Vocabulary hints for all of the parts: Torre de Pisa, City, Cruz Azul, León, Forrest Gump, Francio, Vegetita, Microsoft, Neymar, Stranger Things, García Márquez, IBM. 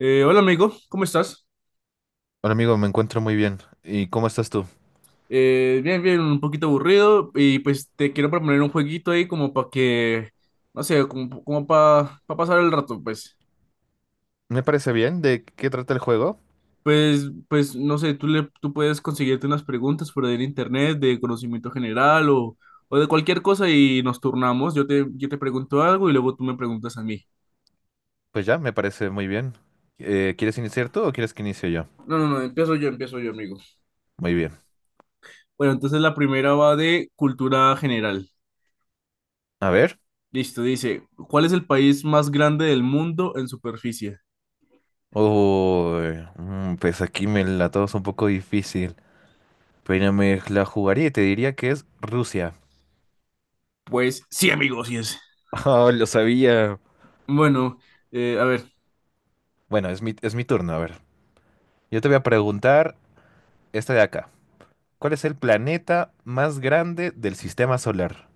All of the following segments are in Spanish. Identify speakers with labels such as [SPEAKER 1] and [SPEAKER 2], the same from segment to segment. [SPEAKER 1] Hola amigo, ¿cómo estás?
[SPEAKER 2] Hola amigo, me encuentro muy bien. ¿Y cómo estás tú?
[SPEAKER 1] Bien, bien, un poquito aburrido y pues te quiero proponer un jueguito ahí como para que, no sé, como, para pasar el rato, pues.
[SPEAKER 2] Me parece bien. ¿De qué trata el juego?
[SPEAKER 1] Pues, no sé, tú puedes conseguirte unas preguntas por ahí en internet de conocimiento general o de cualquier cosa y nos turnamos. Yo te pregunto algo y luego tú me preguntas a mí.
[SPEAKER 2] Pues ya, me parece muy bien. ¿Quieres iniciar tú o quieres que inicie yo?
[SPEAKER 1] No, no, no, empiezo yo, amigo.
[SPEAKER 2] Muy bien.
[SPEAKER 1] Bueno, entonces la primera va de cultura general.
[SPEAKER 2] A ver.
[SPEAKER 1] Listo, dice, ¿cuál es el país más grande del mundo en superficie?
[SPEAKER 2] Uy, pues aquí me la tomas un poco difícil. Pero me la jugaría y te diría que es Rusia.
[SPEAKER 1] Pues sí, amigos, sí es.
[SPEAKER 2] Oh, lo sabía.
[SPEAKER 1] Bueno, a ver.
[SPEAKER 2] Bueno, es mi turno. A ver. Yo te voy a preguntar esta de acá. ¿Cuál es el planeta más grande del sistema solar?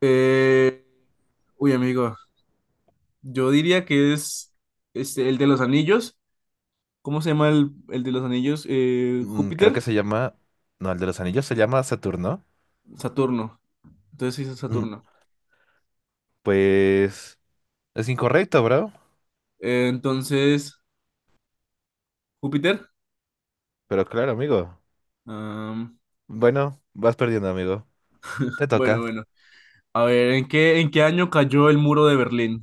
[SPEAKER 1] eh, Uy, amigo, yo diría que es este, el de los anillos. ¿Cómo se llama el de los anillos?
[SPEAKER 2] Creo que
[SPEAKER 1] Júpiter,
[SPEAKER 2] se llama... No, el de los anillos se llama Saturno.
[SPEAKER 1] Saturno. Entonces sí es
[SPEAKER 2] Mm,
[SPEAKER 1] Saturno.
[SPEAKER 2] Pues es incorrecto, bro.
[SPEAKER 1] Entonces, Júpiter.
[SPEAKER 2] Pero claro, amigo.
[SPEAKER 1] am,
[SPEAKER 2] Bueno, vas perdiendo, amigo. Te
[SPEAKER 1] bueno,
[SPEAKER 2] toca.
[SPEAKER 1] bueno. A ver, ¿en qué año cayó el muro de Berlín?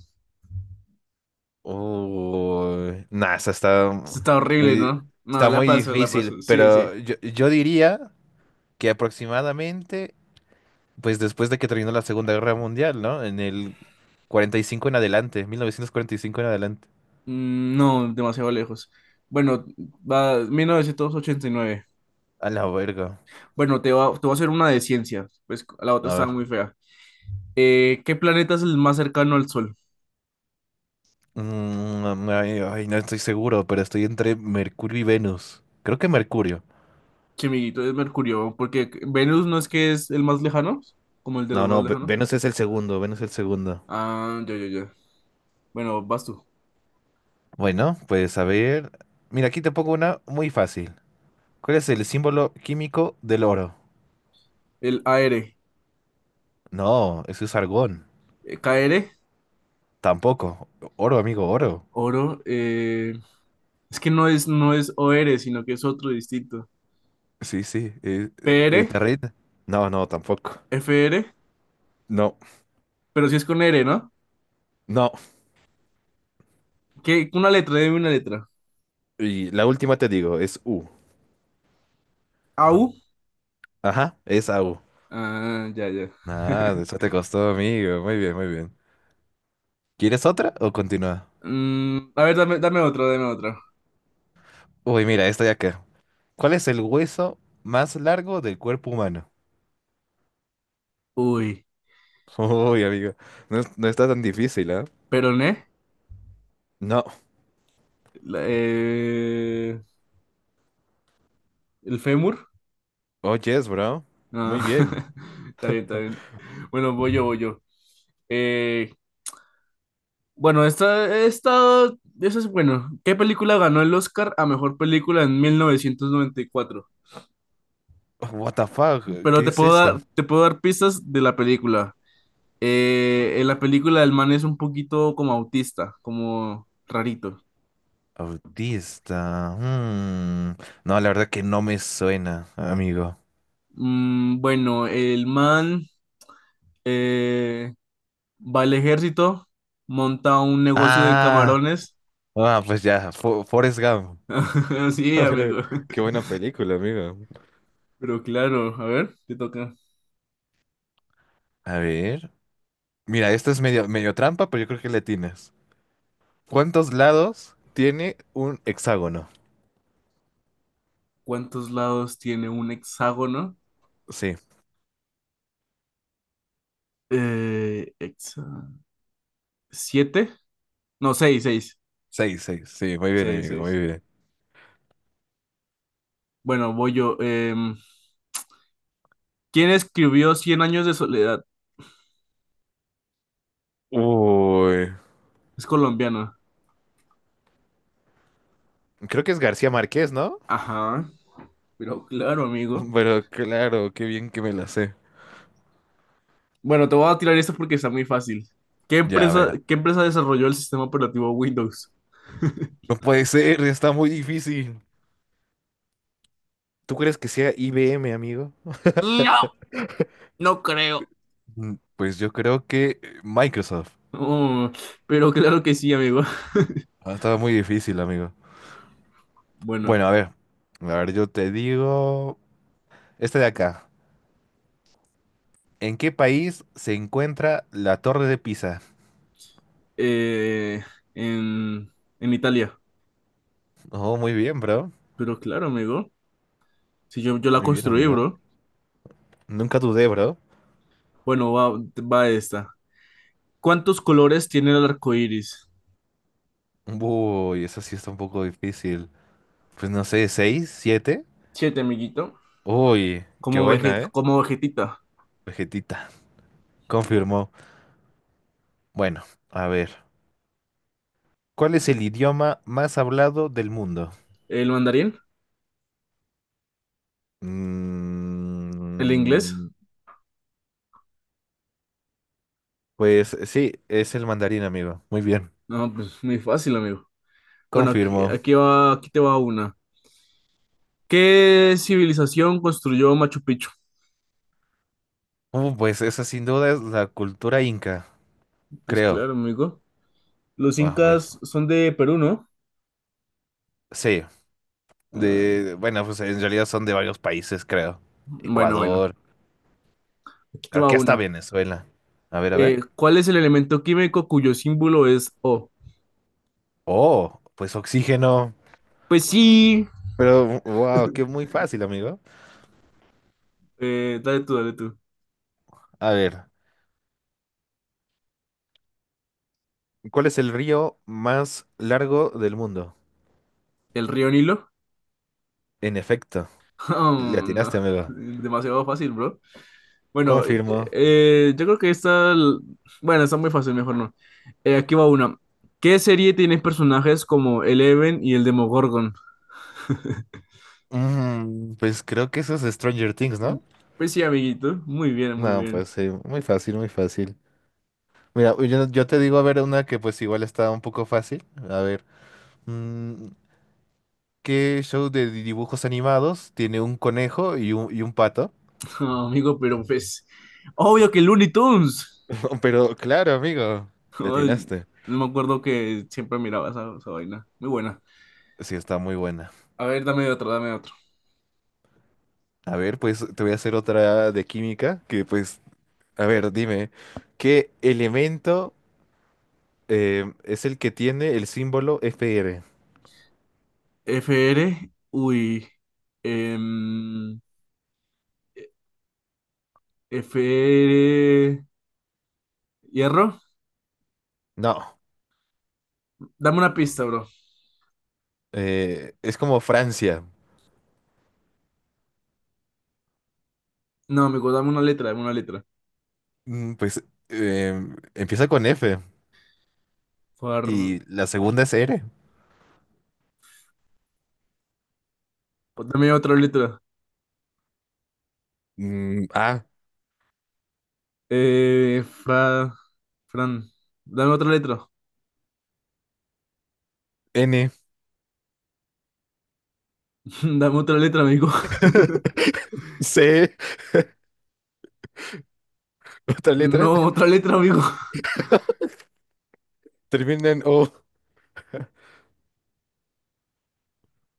[SPEAKER 2] Uy, nah, esa
[SPEAKER 1] Esto está horrible,
[SPEAKER 2] muy,
[SPEAKER 1] ¿no? No,
[SPEAKER 2] está
[SPEAKER 1] la
[SPEAKER 2] muy
[SPEAKER 1] paso, la
[SPEAKER 2] difícil,
[SPEAKER 1] paso. Sí, sí.
[SPEAKER 2] pero yo diría que aproximadamente, pues después de que terminó la Segunda Guerra Mundial, ¿no? En el 45 en adelante, 1945 en adelante.
[SPEAKER 1] Mm, no, demasiado lejos. Bueno, va 1989.
[SPEAKER 2] A la verga.
[SPEAKER 1] Bueno, te voy a hacer una de ciencias, pues la otra
[SPEAKER 2] A
[SPEAKER 1] estaba
[SPEAKER 2] ver.
[SPEAKER 1] muy fea. ¿Qué planeta es el más cercano al Sol?
[SPEAKER 2] Ay, ay, no estoy seguro, pero estoy entre Mercurio y Venus. Creo que Mercurio.
[SPEAKER 1] Chimiguito es Mercurio, porque Venus no es que es el más lejano, como el de los
[SPEAKER 2] No,
[SPEAKER 1] más
[SPEAKER 2] no, Ve-
[SPEAKER 1] lejanos.
[SPEAKER 2] Venus es el segundo, Venus es el segundo.
[SPEAKER 1] Ah, ya, ya, ya. Bueno, vas tú.
[SPEAKER 2] Bueno, pues a ver. Mira, aquí te pongo una muy fácil. ¿Cuál es el símbolo químico del oro?
[SPEAKER 1] El AR.
[SPEAKER 2] No, eso es argón.
[SPEAKER 1] K r.
[SPEAKER 2] Tampoco. Oro, amigo, oro.
[SPEAKER 1] Oro, es que no es o r, sino que es otro distinto.
[SPEAKER 2] Sí, sí.
[SPEAKER 1] P r.
[SPEAKER 2] ¿Te reíste? No, no, tampoco.
[SPEAKER 1] F r,
[SPEAKER 2] No,
[SPEAKER 1] pero sí es con R, ¿no?
[SPEAKER 2] no.
[SPEAKER 1] ¿Qué? Una letra, dime una letra.
[SPEAKER 2] Y la última te digo, es U.
[SPEAKER 1] A u.
[SPEAKER 2] Ajá, es Au.
[SPEAKER 1] Ah, ya, ya.
[SPEAKER 2] Ah, eso te costó, amigo. Muy bien, muy bien. ¿Quieres otra o continúa?
[SPEAKER 1] Mm, a ver, dame otra, dame otra.
[SPEAKER 2] Uy, mira, esta ya acá. ¿Cuál es el hueso más largo del cuerpo humano?
[SPEAKER 1] Uy.
[SPEAKER 2] Uy, amigo, no, no está tan difícil, ¿eh?
[SPEAKER 1] Peroné,
[SPEAKER 2] No.
[SPEAKER 1] la- eh, el fémur.
[SPEAKER 2] Oh, yes, bro.
[SPEAKER 1] Ah,
[SPEAKER 2] Muy bien.
[SPEAKER 1] está bien, está bien. Bueno, voy yo, voy yo. Eh, bueno, eso es bueno. ¿Qué película ganó el Oscar a mejor película en 1994?
[SPEAKER 2] Oh, what the fuck?
[SPEAKER 1] Pero
[SPEAKER 2] ¿Qué
[SPEAKER 1] te
[SPEAKER 2] es
[SPEAKER 1] puedo
[SPEAKER 2] esto?
[SPEAKER 1] dar, te puedo dar pistas de la película. En la película el man es un poquito como autista, como rarito.
[SPEAKER 2] Autista. Mm. No, la verdad que no me suena, amigo.
[SPEAKER 1] Bueno, el man, eh, va al ejército, monta un negocio de
[SPEAKER 2] Ah,
[SPEAKER 1] camarones.
[SPEAKER 2] ah, pues ya, Forrest Gump.
[SPEAKER 1] Sí,
[SPEAKER 2] Pero,
[SPEAKER 1] amigo.
[SPEAKER 2] qué buena película, amigo.
[SPEAKER 1] Pero claro, a ver, te toca.
[SPEAKER 2] A ver. Mira, esto es medio, medio trampa, pero yo creo que le tienes. ¿Cuántos lados tiene un hexágono?
[SPEAKER 1] ¿Cuántos lados tiene un hexágono?
[SPEAKER 2] Sí,
[SPEAKER 1] Eh, hexa- ¿Siete? No, seis, seis.
[SPEAKER 2] seis, seis. Sí, muy bien,
[SPEAKER 1] Seis,
[SPEAKER 2] amigo,
[SPEAKER 1] seis.
[SPEAKER 2] muy bien.
[SPEAKER 1] Bueno, voy yo. ¿Quién escribió Cien años de soledad?
[SPEAKER 2] Uy.
[SPEAKER 1] Es colombiano.
[SPEAKER 2] Creo que es García Márquez, ¿no?
[SPEAKER 1] Ajá, pero claro, amigo.
[SPEAKER 2] Pero claro, qué bien que me la sé.
[SPEAKER 1] Bueno, te voy a tirar esto porque está muy fácil. ¿Qué
[SPEAKER 2] Ya, a
[SPEAKER 1] empresa,
[SPEAKER 2] ver.
[SPEAKER 1] qué empresa desarrolló el sistema operativo Windows?
[SPEAKER 2] No puede ser, está muy difícil. ¿Tú crees que sea IBM, amigo?
[SPEAKER 1] No, no creo.
[SPEAKER 2] Pues yo creo que Microsoft.
[SPEAKER 1] Oh, pero claro que sí, amigo.
[SPEAKER 2] Ah, estaba muy difícil, amigo.
[SPEAKER 1] Bueno,
[SPEAKER 2] Bueno, a ver. A ver, yo te digo. Este de acá. ¿En qué país se encuentra la Torre de Pisa?
[SPEAKER 1] eh, en, en Italia.
[SPEAKER 2] Oh, muy bien, bro.
[SPEAKER 1] Pero claro, amigo. Si yo la
[SPEAKER 2] Muy bien,
[SPEAKER 1] construí,
[SPEAKER 2] amigo.
[SPEAKER 1] bro.
[SPEAKER 2] Nunca dudé, bro.
[SPEAKER 1] Bueno, va esta. ¿Cuántos colores tiene el arco iris?
[SPEAKER 2] Uy, eso sí está un poco difícil. Pues no sé, ¿seis? ¿Siete?
[SPEAKER 1] Siete, amiguito.
[SPEAKER 2] Uy, qué
[SPEAKER 1] Como,
[SPEAKER 2] buena, ¿eh?
[SPEAKER 1] como vegetita.
[SPEAKER 2] Vegetita, confirmó. Bueno, a ver. ¿Cuál es el idioma más hablado del mundo?
[SPEAKER 1] ¿El mandarín? ¿El inglés?
[SPEAKER 2] Mm, pues sí, es el mandarín, amigo. Muy bien,
[SPEAKER 1] No, pues muy fácil, amigo. Bueno,
[SPEAKER 2] confirmó.
[SPEAKER 1] aquí te va una. ¿Qué civilización construyó Machu Picchu?
[SPEAKER 2] Pues esa sin duda es la cultura inca,
[SPEAKER 1] Pues
[SPEAKER 2] creo.
[SPEAKER 1] claro, amigo. Los
[SPEAKER 2] Ah, pues,
[SPEAKER 1] incas son de Perú, ¿no?
[SPEAKER 2] sí,
[SPEAKER 1] Ah,
[SPEAKER 2] de, bueno, pues en realidad son de varios países, creo.
[SPEAKER 1] bueno, bueno.
[SPEAKER 2] Ecuador,
[SPEAKER 1] Aquí te
[SPEAKER 2] creo
[SPEAKER 1] va
[SPEAKER 2] que hasta
[SPEAKER 1] una.
[SPEAKER 2] Venezuela. A ver, a ver.
[SPEAKER 1] ¿Cuál es el elemento químico cuyo símbolo es O?
[SPEAKER 2] Oh, pues oxígeno.
[SPEAKER 1] Pues sí.
[SPEAKER 2] Pero, wow, qué muy fácil, amigo.
[SPEAKER 1] Dale tú, dale tú.
[SPEAKER 2] A ver. ¿Cuál es el río más largo del mundo?
[SPEAKER 1] ¿El río Nilo?
[SPEAKER 2] En efecto,
[SPEAKER 1] Oh,
[SPEAKER 2] le
[SPEAKER 1] no.
[SPEAKER 2] atinaste, amigo.
[SPEAKER 1] Demasiado fácil, bro. Bueno,
[SPEAKER 2] Confirmo.
[SPEAKER 1] yo creo que esta. Bueno, está muy fácil, mejor no. Aquí va una. ¿Qué serie tiene personajes como Eleven y el Demogorgon?
[SPEAKER 2] Pues creo que eso es Stranger Things,
[SPEAKER 1] Mm,
[SPEAKER 2] ¿no?
[SPEAKER 1] pues sí, amiguito. Muy bien, muy
[SPEAKER 2] No,
[SPEAKER 1] bien.
[SPEAKER 2] pues sí, muy fácil, muy fácil. Mira, yo te digo a ver una que pues igual está un poco fácil. A ver, mm, ¿qué show de dibujos animados tiene un conejo y un pato?
[SPEAKER 1] Ah, amigo, pero pues... Obvio que Looney Tunes.
[SPEAKER 2] Pero claro, amigo, le
[SPEAKER 1] Ay,
[SPEAKER 2] atinaste.
[SPEAKER 1] no me acuerdo que siempre miraba esa vaina. Muy buena.
[SPEAKER 2] Sí, está muy buena.
[SPEAKER 1] A ver, dame otro, dame otro.
[SPEAKER 2] A ver, pues te voy a hacer otra de química que pues. A ver, dime, ¿qué elemento es el que tiene el símbolo Fr?
[SPEAKER 1] FR, uy. em, FR, hierro.
[SPEAKER 2] No,
[SPEAKER 1] Dame una pista, bro.
[SPEAKER 2] es como Francia.
[SPEAKER 1] No, amigo, dame una letra, dame una letra.
[SPEAKER 2] Pues eh, empieza con F
[SPEAKER 1] Far...
[SPEAKER 2] y la segunda es R.
[SPEAKER 1] Dame otra letra.
[SPEAKER 2] A,
[SPEAKER 1] Eh, fra... Fran. Dame otra letra.
[SPEAKER 2] N,
[SPEAKER 1] Dame otra letra, amigo.
[SPEAKER 2] C, otra letra,
[SPEAKER 1] No, otra letra, amigo.
[SPEAKER 2] termina en O.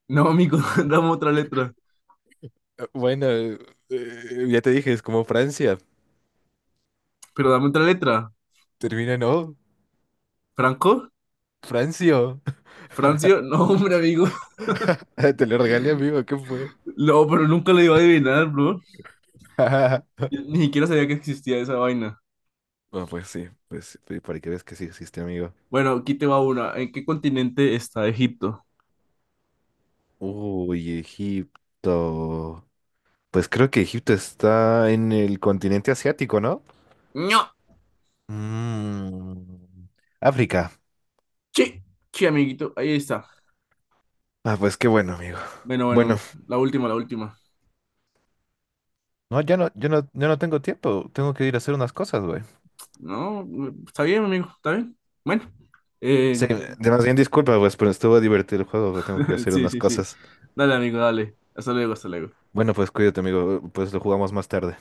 [SPEAKER 1] No, amigo, dame otra letra.
[SPEAKER 2] Bueno, ya te dije, es como Francia.
[SPEAKER 1] Pero dame otra letra.
[SPEAKER 2] Termina en O,
[SPEAKER 1] ¿Franco?
[SPEAKER 2] Francio.
[SPEAKER 1] ¿Francio? No, hombre, amigo.
[SPEAKER 2] Te lo regalé, amigo, ¿qué fue?
[SPEAKER 1] No, pero nunca lo iba a adivinar, bro. Yo ni siquiera sabía que existía esa vaina.
[SPEAKER 2] Bueno, pues sí, para que veas que sí existe, amigo.
[SPEAKER 1] Bueno, aquí te va una. ¿En qué continente está Egipto?
[SPEAKER 2] Uy, Egipto. Pues creo que Egipto está en el continente asiático, ¿no?
[SPEAKER 1] No,
[SPEAKER 2] Mm, África.
[SPEAKER 1] sí, sí, amiguito, ahí está.
[SPEAKER 2] Ah, pues qué bueno, amigo.
[SPEAKER 1] Bueno,
[SPEAKER 2] Bueno,
[SPEAKER 1] bueno, la última, la última.
[SPEAKER 2] no, ya no, yo no tengo tiempo. Tengo que ir a hacer unas cosas, güey.
[SPEAKER 1] No, está bien, amigo, está bien. Bueno,
[SPEAKER 2] Sí,
[SPEAKER 1] eh,
[SPEAKER 2] más bien disculpa, pues, pero estuvo divertido el juego, pero tengo que ir a hacer
[SPEAKER 1] sí,
[SPEAKER 2] unas
[SPEAKER 1] sí, sí.
[SPEAKER 2] cosas.
[SPEAKER 1] Dale, amigo, dale. Hasta luego, hasta luego.
[SPEAKER 2] Bueno, pues cuídate, amigo. Pues lo jugamos más tarde.